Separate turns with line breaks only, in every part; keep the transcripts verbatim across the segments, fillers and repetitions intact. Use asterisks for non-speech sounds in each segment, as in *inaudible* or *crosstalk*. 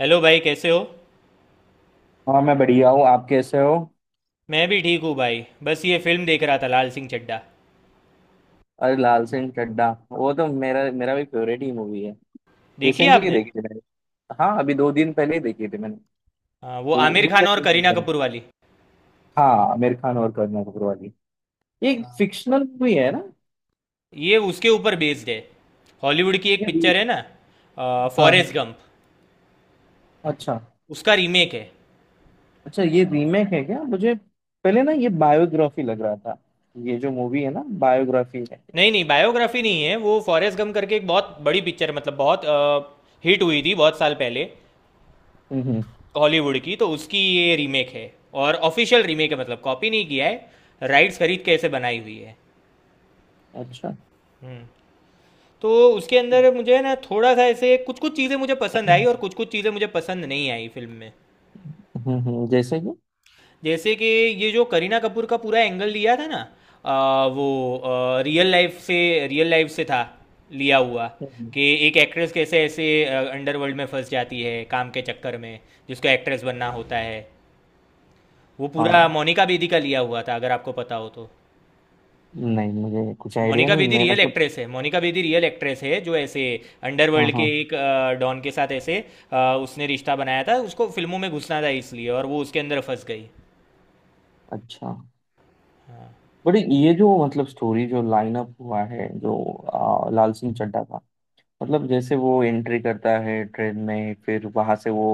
Hello भाई कैसे हो।
हाँ मैं बढ़िया हूँ। आप कैसे हो?
मैं भी ठीक हूँ भाई। बस ये फिल्म देख रहा था, लाल सिंह चड्ढा।
अरे लाल सिंह चड्ढा, वो तो मेरा मेरा भी फेवरेट ही मूवी है।
देखी है
रिसेंटली
आपने?
देखी थी मैंने। हाँ अभी दो दिन पहले ही देखी थी मैंने।
हाँ, वो
दो
आमिर
दो
खान
या
और
तीन दिन
करीना
पहले।
कपूर वाली।
हाँ, आमिर खान और करीना कपूर वाली। ये फिक्शनल मूवी है ना?
ये उसके ऊपर बेस्ड है। हॉलीवुड की एक
ये
पिक्चर
री-
है ना,
हाँ
फॉरेस्ट
हाँ।
गंप।
अच्छा।
उसका रीमेक है।
अच्छा, ये रीमेक है क्या? मुझे पहले ना ये बायोग्राफी लग रहा था। ये जो मूवी है ना बायोग्राफी है।
नहीं नहीं, बायोग्राफी नहीं है। वो फॉरेस्ट गंप करके एक बहुत बड़ी पिक्चर, मतलब बहुत हिट हुई थी बहुत साल पहले
हम्म हम्म।
हॉलीवुड की, तो उसकी ये रीमेक है। और ऑफिशियल रीमेक है, मतलब कॉपी नहीं किया है, राइट्स खरीद के ऐसे बनाई हुई है।
अच्छा।
हम्म। तो उसके अंदर मुझे ना थोड़ा सा ऐसे कुछ कुछ चीज़ें मुझे पसंद आई और कुछ कुछ चीज़ें मुझे पसंद नहीं आई फिल्म में।
हम्म हम्म, जैसे कि।
जैसे कि ये जो करीना कपूर का पूरा एंगल लिया था ना, आ, वो आ, रियल लाइफ से रियल लाइफ से था लिया हुआ।
हम्म।
कि एक एक्ट्रेस कैसे ऐसे अंडरवर्ल्ड में फंस जाती है काम के चक्कर में, जिसको एक्ट्रेस बनना होता है। वो पूरा
हाँ
मोनिका बेदी का लिया हुआ था, अगर आपको पता हो तो।
नहीं, मुझे कुछ आइडिया
मोनिका
नहीं,
बेदी
मैं
रियल
मतलब।
एक्ट्रेस है, मोनिका बेदी रियल एक्ट्रेस है जो ऐसे
हाँ
अंडरवर्ल्ड के
हाँ।
एक अ, डॉन के साथ ऐसे अ, उसने रिश्ता बनाया था, उसको फिल्मों में घुसना था इसलिए, और वो उसके अंदर फंस गई।
अच्छा।
हाँ।
बट ये जो मतलब स्टोरी जो लाइनअप हुआ है जो आ, लाल सिंह चड्ढा का, मतलब जैसे वो एंट्री करता है ट्रेन में, फिर वहां से वो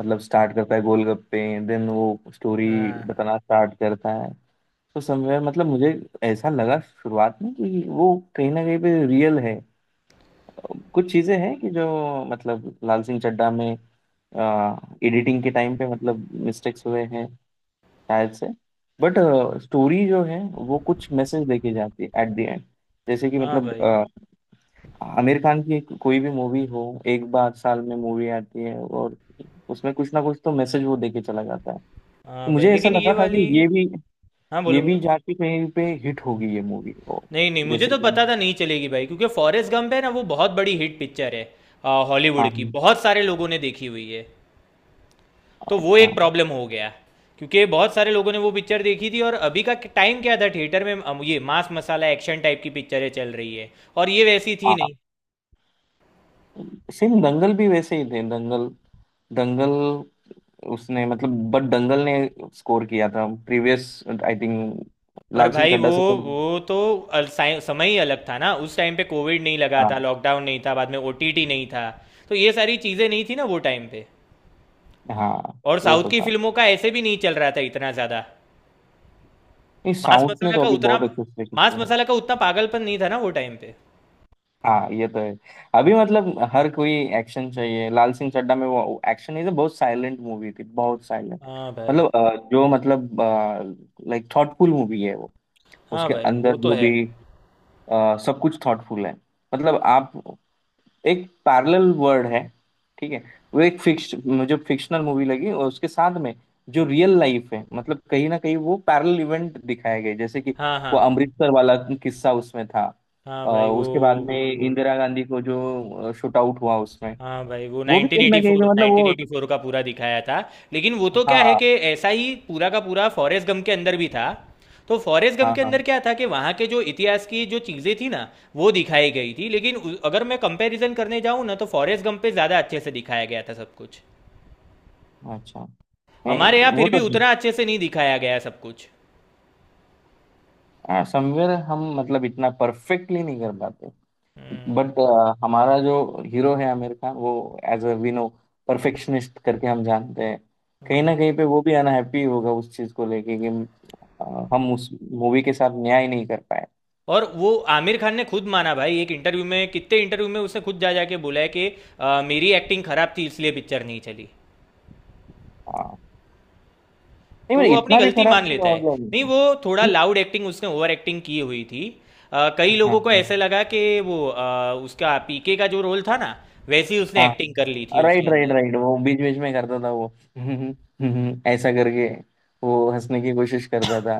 मतलब स्टार्ट करता है गोलगप्पे, देन वो स्टोरी
हाँ।
बताना स्टार्ट करता है। तो समवेयर मतलब मुझे ऐसा लगा शुरुआत में कि वो कहीं ना कहीं पे रियल है। कुछ चीजें हैं कि जो मतलब लाल सिंह चड्ढा में एडिटिंग के टाइम पे मतलब मिस्टेक्स हुए हैं शायद से, बट स्टोरी जो है वो कुछ मैसेज लेके जाती है एट द एंड। जैसे कि
हाँ
मतलब
भाई।
अ, आमिर खान की एक- कोई भी मूवी हो, एक बार साल में मूवी आती है और उसमें कुछ ना कुछ तो मैसेज वो देके चला जाता है। तो
हाँ भाई,
मुझे ऐसा
लेकिन ये
लगा था कि
वाली।
ये भी,
हाँ, बोलो
ये
बोलो।
भी जाके कहीं पे हिट होगी ये मूवी।
नहीं नहीं, मुझे
जैसे
तो
कि
पता था नहीं चलेगी भाई, क्योंकि फॉरेस्ट गंप है ना, वो बहुत बड़ी हिट पिक्चर है। अ,
हाँ
हॉलीवुड की
हाँ।
बहुत सारे लोगों ने देखी हुई है। तो वो
अच्छा।
एक प्रॉब्लम हो गया। क्योंकि बहुत सारे लोगों ने वो पिक्चर देखी थी, और अभी का टाइम क्या था थिएटर में, अम, ये मांस मसाला एक्शन टाइप की पिक्चरें चल रही है, और ये वैसी थी
हाँ,
नहीं।
सेम दंगल भी वैसे ही थे। दंगल, दंगल, उसने मतलब बट दंगल ने स्कोर किया था प्रीवियस, आई थिंक,
पर
लाल सिंह
भाई
चड्ढा
वो,
से पहले।
वो तो अल- साइ- समय ही अलग था ना, उस टाइम पे कोविड नहीं लगा
हाँ
था, लॉकडाउन नहीं था, बाद में ओ टी टी नहीं था। तो ये सारी चीज़ें नहीं थी ना वो टाइम पे।
हाँ,
और
वो
साउथ
तो
की
था।
फिल्मों का ऐसे भी नहीं चल रहा था इतना ज़्यादा।
नहीं,
मांस
साउथ ने
मसाला
तो
का
अभी
उतना
बहुत अच्छे से
मांस
किया।
मसाला का उतना पागलपन नहीं था ना वो टाइम पे।
हाँ ये तो है। अभी मतलब हर कोई एक्शन चाहिए। लाल सिंह चड्ढा में वो एक्शन इज, बहुत साइलेंट मूवी थी, बहुत साइलेंट।
हाँ भाई।
मतलब अ, जो मतलब लाइक थॉटफुल मूवी है वो।
हाँ
उसके
भाई, वो
अंदर
तो
जो
है।
भी अ, सब कुछ थॉटफुल है। मतलब आप, एक पैरेलल वर्ड है, ठीक है। वो एक फिक्स, मुझे फिक्शनल मूवी लगी, और उसके साथ में जो रियल लाइफ है मतलब कहीं ना कहीं वो पैरेलल इवेंट दिखाए गए। जैसे कि
हाँ
वो
हाँ।
अमृतसर वाला किस्सा उसमें था।
हाँ
अ,
भाई वो,
उसके बाद में
वो वो-
इंदिरा गांधी को जो शूट आउट हुआ उसमें
हाँ भाई, वो
वो भी कहीं ना कहीं से
नाइन्टीन एटी फोर,
मतलब वो।
नाइन्टीन एटी फोर का पूरा दिखाया था। लेकिन वो तो क्या है
हाँ
कि ऐसा ही पूरा का पूरा फॉरेस्ट गम के अंदर भी था। तो फॉरेस्ट गम
हाँ।
के
हाँ।
अंदर क्या था कि वहाँ के जो इतिहास की जो चीज़ें थी ना, वो दिखाई गई थी। लेकिन उ- अगर मैं कंपैरिजन करने जाऊँ ना, तो फॉरेस्ट गम पे ज़्यादा अच्छे से दिखाया गया था सब कुछ।
अच्छा। नहीं
हमारे यहाँ
वो
फिर भी
तो
उतना अच्छे से नहीं दिखाया गया सब कुछ।
समवेयर हम मतलब इतना परफेक्टली नहीं कर पाते।
हम्म।
बट हमारा जो हीरो है आमिर खान, वो as a we know perfectionist करके हम जानते हैं। कहीं
हम्म।
ना कहीं पे वो भी अनहैप्पी होगा उस चीज को लेके कि अ, हम उस मूवी के साथ न्याय नहीं कर पाए।
और वो आमिर खान ने खुद माना भाई, एक इंटरव्यू में, कितने इंटरव्यू में उसने खुद जा जाके बोला है कि अ, मेरी एक्टिंग खराब थी इसलिए पिक्चर नहीं चली।
हाँ नहीं
तो वो
मतलब
अपनी
इतना भी
गलती
खराब
मान
नहीं
लेता
था
है। नहीं
मतलब।
वो, थोड़ा
नहीं,
लाउड एक्टिंग, उसने ओवर एक्टिंग की हुई थी। अ,
हाँ
कई लोगों को ऐसे
हाँ।
लगा कि वो, अ, उसका पी के का जो रोल था ना, वैसी उसने
हाँ
एक्टिंग कर ली थी उसके
राइट राइट
अंदर।
राइट, वो बीच बीच में करता था वो *laughs* ऐसा करके वो हंसने की कोशिश करता था।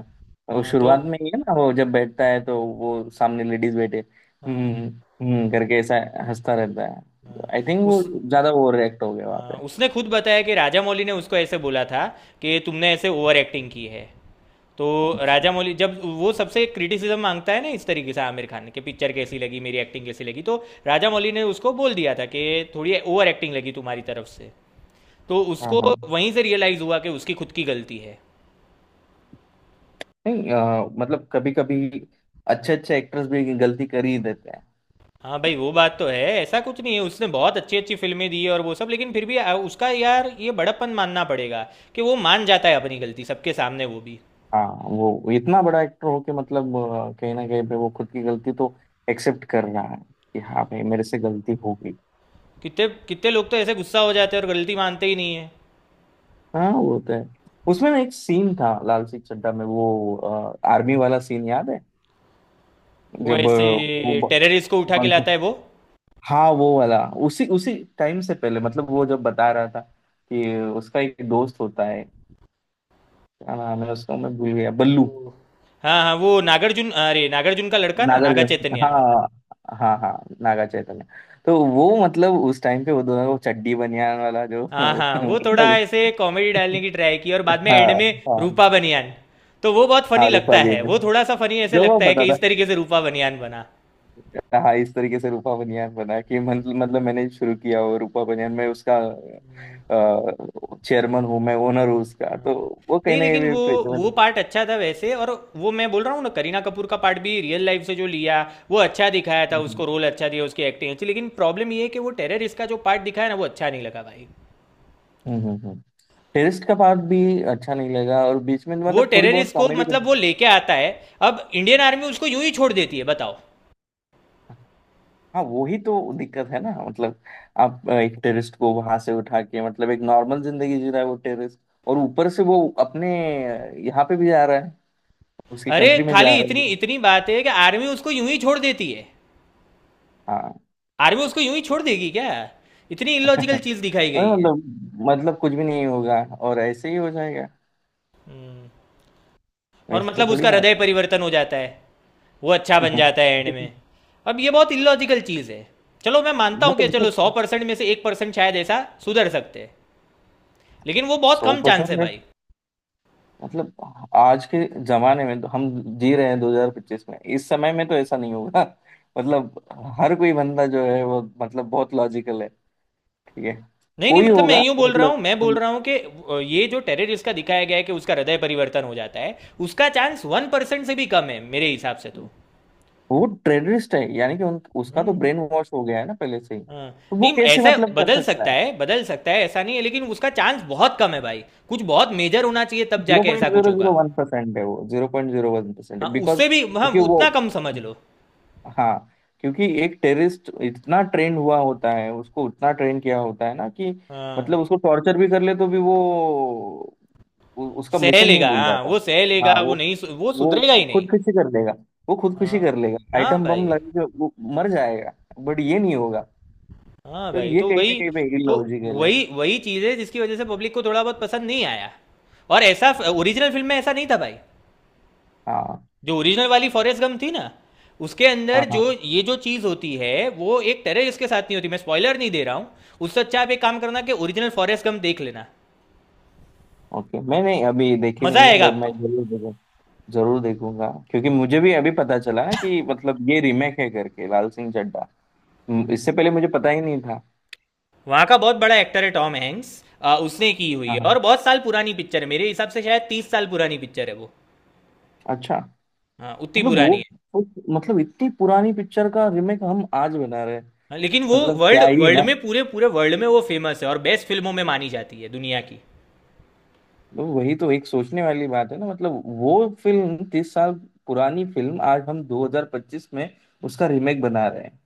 वो
हाँ तो।
शुरुआत में ही है ना, वो जब बैठता है तो वो सामने लेडीज बैठे।
हाँ
हम्म, हम्म करके ऐसा हंसता रहता है।
हाँ,
आई थिंक वो
उस,
ज्यादा ओवर रिएक्ट हो गया वहां
हाँ,
पे।
उसने खुद बताया कि राजा मौली ने उसको ऐसे बोला था कि तुमने ऐसे ओवर एक्टिंग की है। तो
अच्छा।
राजा मौली जब वो सबसे क्रिटिसिज्म मांगता है ना इस तरीके से, आमिर खान कि पिक्चर कैसी लगी, मेरी एक्टिंग कैसी लगी, तो राजा मौली ने उसको बोल दिया था कि थोड़ी ओवर एक्टिंग लगी तुम्हारी तरफ से। तो
हाँ
उसको
हाँ।
वहीं से रियलाइज़ हुआ कि उसकी खुद की गलती है।
नहीं अ, मतलब कभी कभी अच्छे अच्छे एक्टर्स भी गलती कर ही देते हैं।
हाँ भाई, वो बात तो है, ऐसा कुछ नहीं है, उसने बहुत अच्छी अच्छी फिल्में दी है और वो सब। लेकिन फिर भी आ- उसका, यार, ये बड़प्पन मानना पड़ेगा कि वो मान जाता है अपनी गलती सबके सामने, वो भी।
हाँ वो इतना बड़ा एक्टर हो के मतलब अ, कहीं ना कहीं पे वो खुद की गलती तो एक्सेप्ट कर रहा है कि हाँ भाई मेरे से गलती हो गई।
कितने कितने लोग तो ऐसे गुस्सा हो जाते हैं और गलती मानते ही नहीं है।
हाँ वो तो है। उसमें ना एक सीन था लाल सिंह चड्ढा में, वो आर्मी वाला सीन याद है?
वो
जब अ,
ऐसे
वो ब-
टेररिस्ट को उठा के लाता
बंक,
है वो।
हाँ वो वाला, उसी उसी टाइम से पहले मतलब, वो जब बता रहा था कि उसका एक दोस्त होता है, क्या नाम है उसका मैं भूल गया, बल्लू,
वो- हाँ हाँ, वो नागार्जुन, अरे नागार्जुन का लड़का ना,
नागर
नागा
गंग-
चैतन्य।
हाँ, हाँ हाँ, नागा चैतन्य। तो वो मतलब उस टाइम पे वो दोनों को चड्डी बनियान वाला जो
हाँ
*laughs*
हाँ, वो थोड़ा
मतलब।
ऐसे कॉमेडी डालने की ट्राई की, और बाद में एंड
हाँ
में
हाँ।
रूपा बनियान। तो वो बहुत फनी
हाँ रूपा
लगता है,
बनियान,
वो थोड़ा सा फनी ऐसे
जो वो
लगता है
पता
कि
था।
इस तरीके से रूपा बनियान बना।
हाँ इस तरीके से रूपा बनियान बना कि मतलब मतलब मैंने शुरू किया वो रूपा बनियान, मैं उसका चेयरमैन हूँ, मैं ओनर हूँ उसका।
हाँ,
तो वो कहीं
नहीं
ना कहीं
लेकिन
भी
वो
free-
वो
मतलब।
पार्ट अच्छा था वैसे। और वो मैं बोल रहा हूँ ना, करीना कपूर का पार्ट भी रियल लाइफ से जो लिया, वो अच्छा दिखाया था उसको,
हम्म
रोल अच्छा दिया, उसकी एक्टिंग अच्छी। लेकिन प्रॉब्लम ये है कि वो टेररिस्ट का जो पार्ट दिखाया ना, वो अच्छा नहीं लगा भाई।
Hmm hmm. टेररिस्ट का पार्ट भी अच्छा नहीं लगा, और बीच में
वो
मतलब थोड़ी बहुत
टेररिस्ट को
कॉमेडी।
मतलब वो लेके आता है, अब इंडियन आर्मी उसको यूं ही छोड़ देती है, बताओ।
हाँ वो ही तो दिक्कत है ना मतलब, आप अ, एक टेररिस्ट को वहां से उठा के मतलब एक नॉर्मल जिंदगी जी रहा है वो टेररिस्ट, और ऊपर से वो अपने अ, यहाँ पे भी जा रहा है, उसकी
अरे
कंट्री में
खाली
जा रहा
इतनी
है।
इतनी बात है कि आर्मी उसको यूं ही छोड़ देती है।
हाँ
आर्मी उसको यूं ही छोड़ देगी क्या? इतनी इलॉजिकल
*laughs*
चीज दिखाई
अरे,
गई है।
मतलब मतलब कुछ भी नहीं होगा और ऐसे ही हो जाएगा।
हम्म। और
ऐसे
मतलब
थोड़ी
उसका
ना
हृदय
होता
परिवर्तन हो जाता है, वो अच्छा
है।
बन जाता है एंड
*laughs*
में। अब ये बहुत इलॉजिकल चीज है। चलो, मैं मानता हूँ कि
मतलब
चलो, सौ
इसमें
परसेंट में से एक परसेंट शायद ऐसा सुधर सकते हैं, लेकिन वो बहुत
सौ
कम चांस है
परसेंट
भाई।
मतलब आज के जमाने में तो हम जी रहे हैं दो हज़ार पच्चीस में, इस समय में तो ऐसा नहीं होगा। *laughs* मतलब हर कोई बंदा जो है वो मतलब बहुत लॉजिकल है, ठीक है।
नहीं नहीं,
कोई
मतलब मैं
होगा
यूं बोल रहा हूं,
मतलब।
मैं बोल रहा हूं कि अ, ये जो टेररिस्ट का दिखाया गया है कि उसका हृदय परिवर्तन हो जाता है, उसका चांस वन परसेंट से भी कम है मेरे हिसाब से तो।
वो टेररिस्ट है यानी कि उन, उसका तो
हम्म।
ब्रेन वॉश हो गया है ना पहले से ही,
हाँ।
तो वो
नहीं,
कैसे
ऐसा
मतलब कर
बदल
सकता
सकता
है।
है, बदल सकता है, ऐसा नहीं है, लेकिन उसका चांस बहुत कम है भाई। कुछ बहुत मेजर होना चाहिए तब
जीरो
जाके
पॉइंट
ऐसा कुछ
जीरो जीरो
होगा।
वन परसेंट है वो, zero point zero one percent
हाँ,
है, बिकॉज
उससे भी, हाँ,
क्योंकि वो,
उतना कम समझ लो।
हाँ, क्योंकि एक टेररिस्ट इतना ट्रेंड हुआ होता है, उसको उतना ट्रेन किया होता है ना कि मतलब
हाँ,
उसको टॉर्चर भी कर ले तो भी वो उ- उसका
सह
मिशन नहीं
लेगा,
भूल
हाँ
जाता।
वो सह लेगा,
हाँ
वो
वो
नहीं सु- वो
वो
सुधरेगा ही नहीं।
खुदकुशी कर लेगा, वो खुदकुशी
हाँ।
कर लेगा,
हाँ
आइटम बम
भाई।
लगेगा, वो मर जाएगा। बट ये नहीं होगा।
हाँ
तो
भाई
ये
तो
कहीं ना
वही।
कहीं पे
तो
इलॉजिकल है।
वही वही चीज़ है जिसकी वजह से पब्लिक को थोड़ा बहुत पसंद नहीं आया। और ऐसा ओरिजिनल फिल्म में ऐसा नहीं था भाई।
हाँ
जो ओरिजिनल वाली फॉरेस्ट गम थी ना, उसके अंदर
हाँ। हाँ
जो ये जो चीज़ होती है, वो एक टेररिस्ट के साथ नहीं होती, मैं स्पॉइलर नहीं दे रहा हूँ। उससे अच्छा आप एक काम करना कि ओरिजिनल फॉरेस्ट गम देख लेना।
ओके, मैंने अभी देखी
मज़ा
नहीं है
आएगा
बट मैं
आपको।
जरूर देखूँ। जरूर देखूंगा क्योंकि मुझे भी अभी पता चला ना कि मतलब ये रीमेक है करके लाल सिंह चड्ढा। हम्म, इससे पहले मुझे पता ही नहीं था।
वहाँ का बहुत बड़ा एक्टर है टॉम हैंक्स, आ, उसने की हुई
हाँ
है। और
हाँ।
बहुत साल पुरानी पिक्चर है मेरे हिसाब से, शायद तीस साल पुरानी पिक्चर है वो।
अच्छा,
हाँ, उतनी
मतलब वो,
पुरानी है।
वो- मतलब इतनी पुरानी पिक्चर का रीमेक हम आज बना रहे हैं।
हाँ, लेकिन वो
मतलब
वर्ल्ड
क्या ही।
वर्ल्ड में, पूरे पूरे वर्ल्ड में वो फेमस है, और बेस्ट फिल्मों में मानी जाती है दुनिया की।
तो वही तो एक सोचने वाली बात है ना मतलब वो फिल्म तीस साल पुरानी फिल्म आज हम दो हज़ार पच्चीस में उसका रीमेक बना रहे हैं।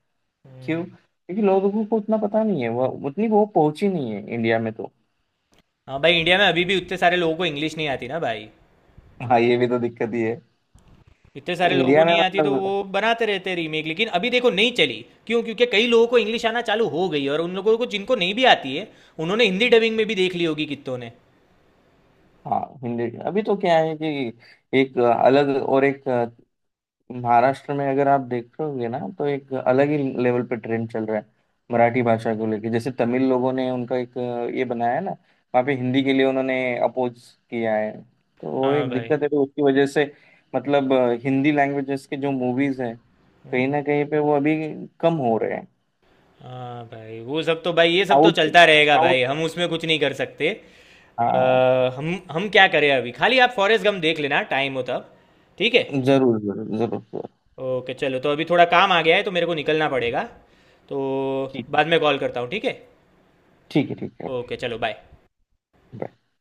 क्यों? क्योंकि लोगों को उतना पता नहीं है, वो उतनी वो पहुंची नहीं है इंडिया में तो।
हाँ भाई, इंडिया में अभी भी उतने सारे लोगों को इंग्लिश नहीं आती ना भाई।
हाँ ये भी तो दिक्कत ही है।
इतने
तो
सारे लोगों को
इंडिया में
नहीं आती, तो वो
मतलब।
बनाते रहते हैं रीमेक, लेकिन अभी देखो नहीं चली। क्यों? क्योंकि कई लोगों को इंग्लिश आना चालू हो गई है, और उन लोगों को जिनको नहीं भी आती है, उन्होंने हिंदी डबिंग में भी देख ली होगी कितनों ने।
हाँ हिंदी, अभी तो क्या है कि एक अलग और एक, महाराष्ट्र में अगर आप देखोगे ना तो एक अलग ही लेवल पे ट्रेंड चल रहा है मराठी भाषा को लेके। जैसे तमिल लोगों ने उनका एक ये बनाया है ना, वहाँ पे हिंदी के लिए उन्होंने अपोज किया है। तो वो
हाँ
एक
भाई।
दिक्कत है, तो उसकी वजह से मतलब हिंदी लैंग्वेजेस के जो मूवीज हैं
हम्म।
कहीं ना कहीं पे वो अभी कम हो रहे हैं।
हाँ भाई, वो सब तो भाई, ये सब तो
साउथ,
चलता रहेगा
साउथ।
भाई, हम उसमें कुछ नहीं कर सकते। अ,
हाँ
हम हम क्या करें, अभी खाली आप फॉरेस्ट गम देख लेना टाइम हो तब, ठीक है।
जरूर जरूर जरूर जरूर।
ओके चलो, तो अभी थोड़ा काम आ गया है तो मेरे को निकलना पड़ेगा, तो
ठीक।
बाद में कॉल करता हूँ, ठीक है।
ठीक है, ठीक है।
ओके चलो, बाय।
बाय।